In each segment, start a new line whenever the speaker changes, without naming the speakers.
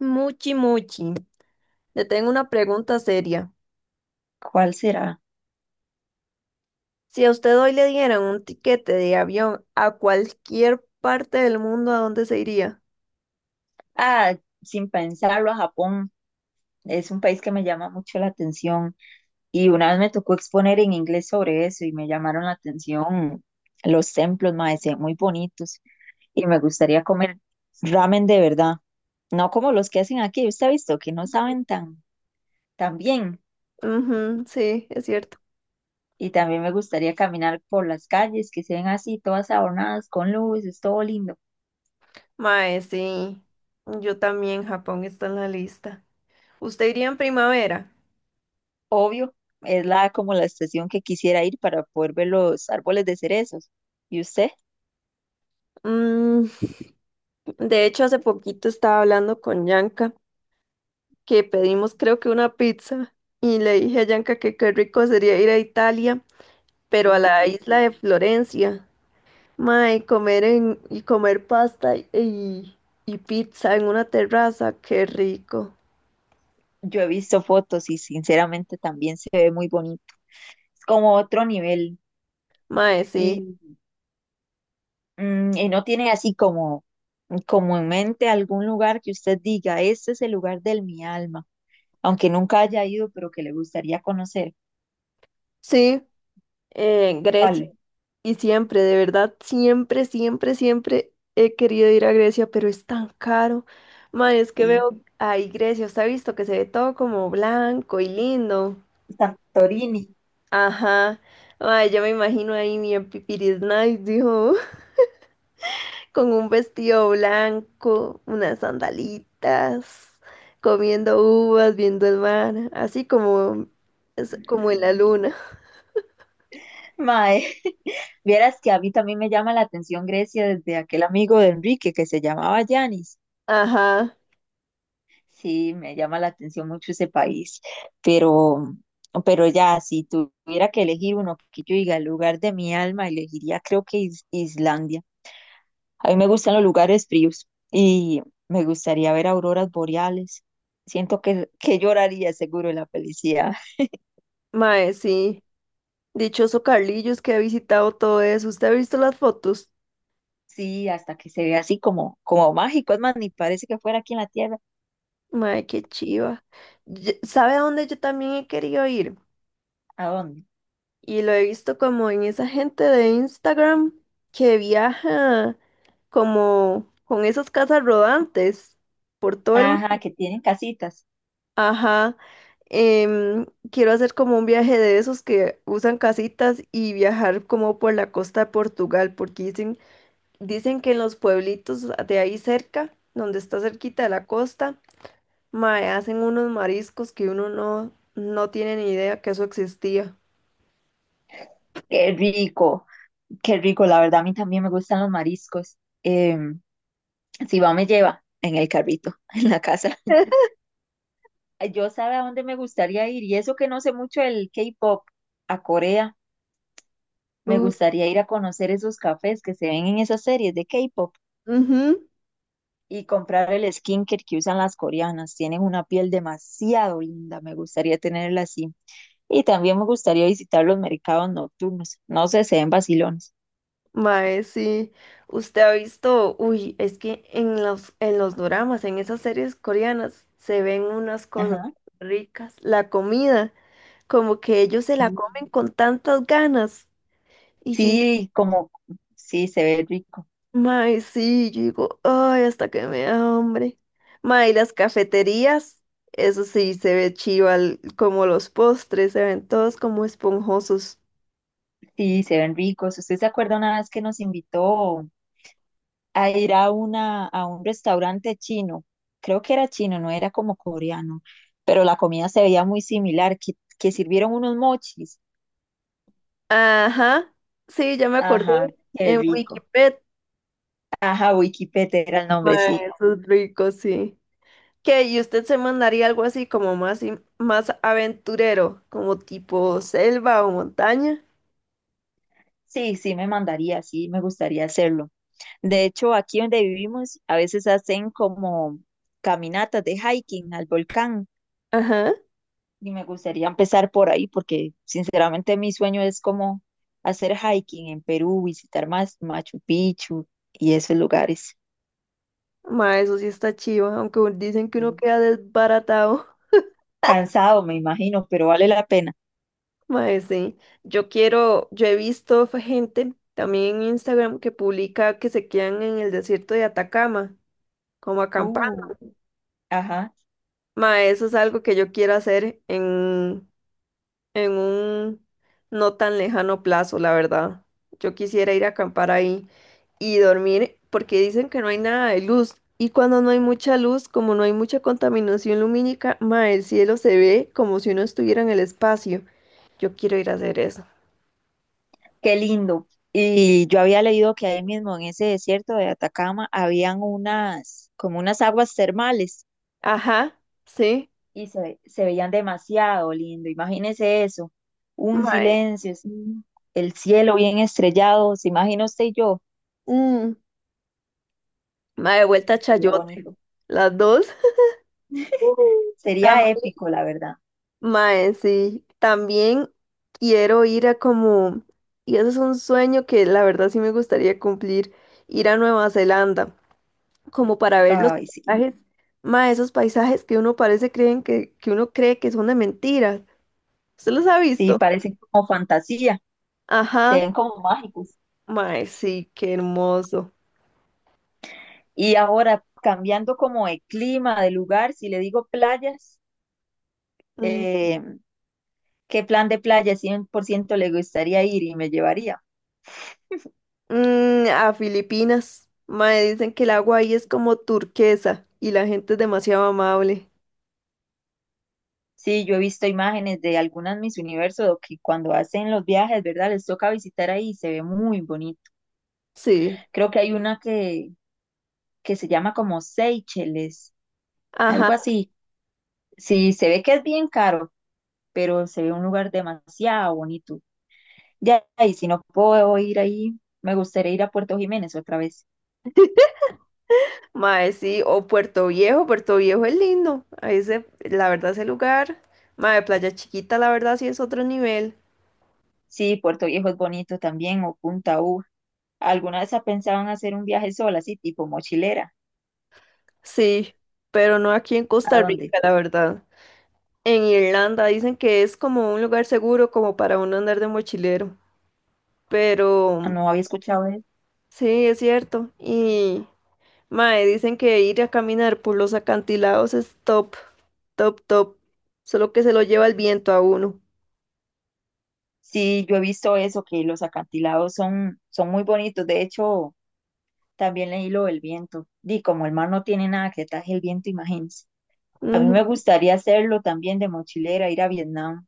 Muchi, muchi, le tengo una pregunta seria.
¿Cuál será?
Si a usted hoy le dieran un tiquete de avión a cualquier parte del mundo, ¿a dónde se iría?
Ah, sin pensarlo, a Japón. Es un país que me llama mucho la atención y una vez me tocó exponer en inglés sobre eso y me llamaron la atención los templos, mae, se ven muy bonitos y me gustaría comer ramen de verdad, no como los que hacen aquí, usted ha visto que no saben tan bien
Ujú, sí, es cierto.
y también me gustaría caminar por las calles que se ven así, todas adornadas con luces, todo lindo.
Mae, sí, yo también, Japón está en la lista. ¿Usted iría en primavera?
Obvio, es la como la estación que quisiera ir para poder ver los árboles de cerezos. ¿Y usted?
Mm, de hecho, hace poquito estaba hablando con Yanka, que pedimos creo que una pizza, y le dije a Yanka que qué rico sería ir a Italia, pero a la
Uy,
isla
sí.
de Florencia. Mae, y comer pasta y pizza en una terraza, qué rico.
Yo he visto fotos y sinceramente también se ve muy bonito. Es como otro nivel.
Mae, sí.
Y y no tiene así como, como en mente algún lugar que usted diga, este es el lugar del mi alma, aunque nunca haya ido, pero que le gustaría conocer.
Sí, Grecia.
¿Cuál?
Y siempre, de verdad, siempre, siempre, siempre he querido ir a Grecia, pero es tan caro. Mae, es que
Sí.
veo ahí Grecia, usted ha visto que se ve todo como blanco y lindo.
Santorini.
Ajá. Mae, yo me imagino ahí mi en Pipiris Night, dijo. Con un vestido blanco, unas sandalitas, comiendo uvas, viendo el mar, así como, es como en la luna.
Mae. Vieras que a mí también me llama la atención Grecia desde aquel amigo de Enrique que se llamaba Yanis.
Ajá,
Sí, me llama la atención mucho ese país, pero, pero ya, si tuviera que elegir uno que yo diga el lugar de mi alma, elegiría creo que Islandia. A mí me gustan los lugares fríos y me gustaría ver auroras boreales. Siento que lloraría seguro en la felicidad.
mae, sí. Dichoso Carlillos que ha visitado todo eso. ¿Usted ha visto las fotos?
Sí, hasta que se vea así como, como mágico. Es más, ni parece que fuera aquí en la Tierra.
Mae, qué chiva. ¿Sabe a dónde yo también he querido ir?
¿A dónde?
Y lo he visto como en esa gente de Instagram que viaja como con esas casas rodantes por todo el
Ajá,
mundo.
que tienen casitas.
Ajá. Em, Quiero hacer como un viaje de esos que usan casitas y viajar como por la costa de Portugal, porque dicen que en los pueblitos de ahí cerca, donde está cerquita de la costa, mae, hacen unos mariscos que uno no tiene ni idea que eso existía.
Qué rico, qué rico. La verdad, a mí también me gustan los mariscos. Em, si va, me lleva en el carrito, en la casa. Ay, yo sabe a dónde me gustaría ir. Y eso que no sé mucho del K-pop, a Corea. Me
Uh,
gustaría ir a conocer esos cafés que se ven en esas series de K-pop
ujú,
y comprar el skincare que usan las coreanas. Tienen una piel demasiado linda. Me gustaría tenerla así. Y también me gustaría visitar los mercados nocturnos. No sé, se ven vacilones.
mae, sí. Usted ha visto, uy, es que en los doramas, en esas series coreanas, se ven unas cosas
Ajá.
ricas. La comida. Como que ellos se
Sí,
la comen con tantas ganas. Y yo,
sí, como, sí, se ve rico,
mae, sí, yo digo, ay, hasta que me da hambre. Mae, y las cafeterías, eso sí, se ve chiva, como los postres, se ven todos como esponjosos.
sí, se ven ricos. ¿Usted se acuerda una vez que nos invitó a ir a una, a un restaurante chino? Creo que era chino, no era como coreano, pero la comida se veía muy similar, que sirvieron unos mochis.
Ajá, sí, ya me acordé,
Ajá, qué
en
rico.
Wikipedia,
Ajá, Wikipete era el nombre,
mae,
sí.
eso es rico, sí. ¿Qué? ¿Y usted se mandaría algo así como más aventurero, como tipo selva o montaña?
Sí, sí, me mandaría, sí, me gustaría hacerlo. De hecho, aquí donde vivimos, a veces hacen como caminatas de hiking al volcán.
Ajá.
Y me gustaría empezar por ahí porque sinceramente mi sueño es como hacer hiking en Perú, visitar más Machu Picchu y esos lugares.
Ma, eso sí está chiva, aunque dicen que uno
Mm.
queda desbaratado.
Cansado, me imagino, pero vale la pena.
Ma, sí. Yo quiero, yo he visto gente también en Instagram que publica que se quedan en el desierto de Atacama, como acampando.
Uh, ajá,
Ma, eso es algo que yo quiero hacer en un no tan lejano plazo, la verdad. Yo quisiera ir a acampar ahí y dormir porque dicen que no hay nada de luz. Y cuando no hay mucha luz, como no hay mucha contaminación lumínica, ma, el cielo se ve como si uno estuviera en el espacio. Yo quiero ir a hacer eso.
qué lindo. Y yo había leído que ahí mismo en ese desierto de Atacama habían unas, como unas aguas termales
Ajá, sí.
y se veían demasiado lindo. Imagínese eso, un
Mae,
silencio, así, el cielo bien estrellado, se imagina usted y yo,
mm, mae, de vuelta a
sería
Chayote.
bonito.
Las dos.
Sería
También.
épico, la verdad.
Mae, sí, también quiero ir a como, y eso es un sueño que la verdad sí me gustaría cumplir, ir a Nueva Zelanda, como para ver los
Ay, sí.
paisajes, mae, esos paisajes que uno que uno cree que son de mentira. ¿Usted los ha
Sí,
visto?
parecen como fantasía, se
Ajá,
ven como mágicos.
mae, sí, qué hermoso.
Y ahora, cambiando como de clima, de lugar, si le digo playas,
Mm,
eh, ¿qué plan de playa 100% le gustaría ir y me llevaría?
a Filipinas, mae, dicen que el agua ahí es como turquesa y la gente es demasiado amable.
Sí, yo he visto imágenes de algunas Miss Universo que cuando hacen los viajes, ¿verdad? Les toca visitar ahí y se ve muy bonito.
Sí,
Creo que hay una que se llama como Seychelles,
ajá.
algo así. Sí, se ve que es bien caro, pero se ve un lugar demasiado bonito. Ya, y si no puedo ir ahí, me gustaría ir a Puerto Jiménez otra vez.
Mae, sí, o Puerto Viejo, Puerto Viejo es lindo. Ahí se, la verdad, ese lugar. Mae, Playa Chiquita, la verdad, sí es otro nivel.
Sí, Puerto Viejo es bonito también, o Punta U. ¿Alguna vez ha pensado en hacer un viaje sola, así tipo mochilera?
Sí, pero no aquí en
¿A
Costa
dónde?
Rica, la verdad. En Irlanda dicen que es como un lugar seguro, como para uno andar de mochilero.
Ah,
Pero
no había escuchado de eso.
sí, es cierto. Y mae, dicen que ir a caminar por los acantilados es top, top, top. Solo que se lo lleva el viento a uno.
Sí, yo he visto eso, que los acantilados son, son muy bonitos. De hecho, también leí lo del viento. Di, como el mar no tiene nada que taje el viento, imagínense. A mí
Ujú.
me gustaría hacerlo también de mochilera, ir a Vietnam.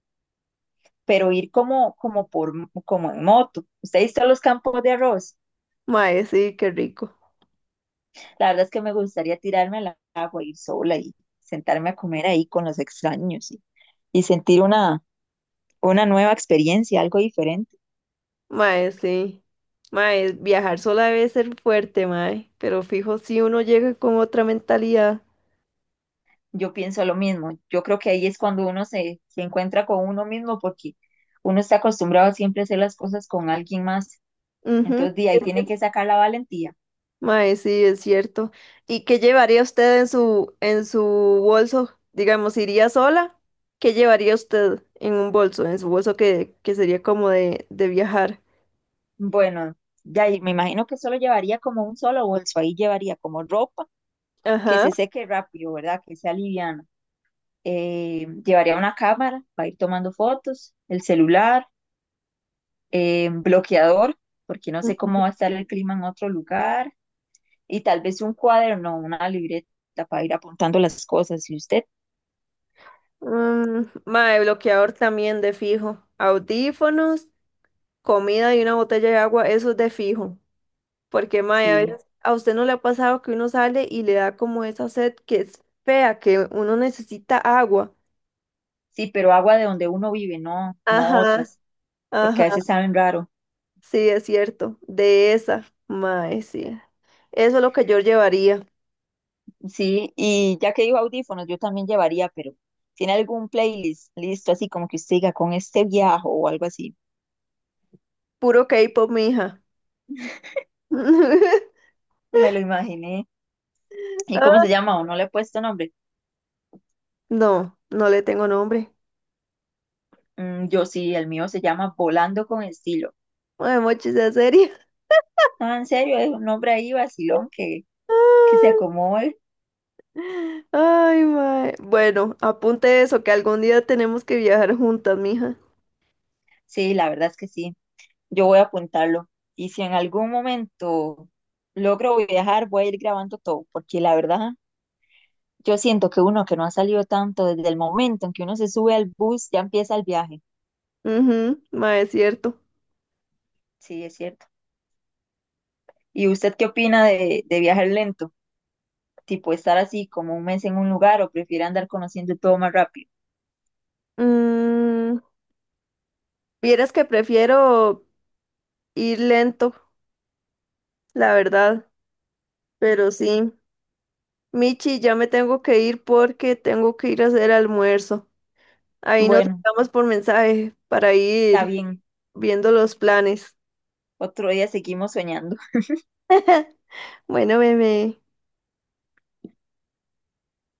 Pero ir como, como, por, como en moto. Usted ha visto los campos de arroz.
Mae, sí, qué rico.
La verdad es que me gustaría tirarme al agua, ir sola y sentarme a comer ahí con los extraños y sentir una nueva experiencia, algo diferente.
Mae, sí. Mae, viajar sola debe ser fuerte, mae. Pero fijo, si uno llega con otra mentalidad.
Yo pienso lo mismo. Yo creo que ahí es cuando uno se encuentra con uno mismo porque uno está acostumbrado siempre a hacer las cosas con alguien más.
Ujú.
Entonces, de ahí tiene que sacar la valentía.
Mae, sí, es cierto. ¿Y qué llevaría usted en su bolso? Digamos, ¿iría sola? ¿Qué llevaría usted en un bolso? En su que sería como de viajar.
Bueno, de ahí me imagino que solo llevaría como un solo bolso. Ahí llevaría como ropa, que
Ajá.
se seque rápido, ¿verdad? Que sea liviano. Llevaría una cámara para ir tomando fotos, el celular, bloqueador, porque no sé cómo va a estar el clima en otro lugar, y tal vez un cuaderno, una libreta para ir apuntando las cosas. ¿Y usted?
Mae, bloqueador también de fijo. Audífonos, comida y una botella de agua, eso es de fijo. Porque, mae, a
Sí,
veces a usted no le ha pasado que uno sale y le da como esa sed que es fea, que uno necesita agua.
sí, pero agua de donde uno vive, no, no
Ajá,
otras,
ajá,
porque a veces saben raro.
sí, es cierto. De esa, mae, sí. Eso es lo que yo llevaría.
Sí, y ya que digo audífonos, yo también llevaría, pero ¿tiene algún playlist listo así como que usted diga con este viaje o algo así?
Puro K-pop, mija.
Me lo imaginé. ¿Y cómo se llama? ¿O no le he puesto nombre?
No, no le tengo nombre.
Mm, yo sí, el mío se llama Volando con Estilo.
Mae, mochi, sea seria.
Ah, en serio, es un nombre ahí vacilón que se
Ay,
acomode.
ay, mae. Bueno, apunte eso, que algún día tenemos que viajar juntas, mija.
Sí, la verdad es que sí. Yo voy a apuntarlo. Y si en algún momento logro viajar, voy a ir grabando todo, porque la verdad, yo siento que uno que no ha salido tanto desde el momento en que uno se sube al bus, ya empieza el viaje.
Mhm, mae, es cierto.
Sí, es cierto. ¿Y usted qué opina de viajar lento? Tipo estar así como un mes en un lugar o prefiere andar conociendo todo más rápido.
Mm, Vieras que prefiero ir lento, la verdad, pero sí. Michi, ya me tengo que ir porque tengo que ir a hacer almuerzo. Ahí nos
Bueno.
hablamos por mensaje para
Está
ir
bien,
viendo los planes.
otro día seguimos soñando.
Bueno, bebé.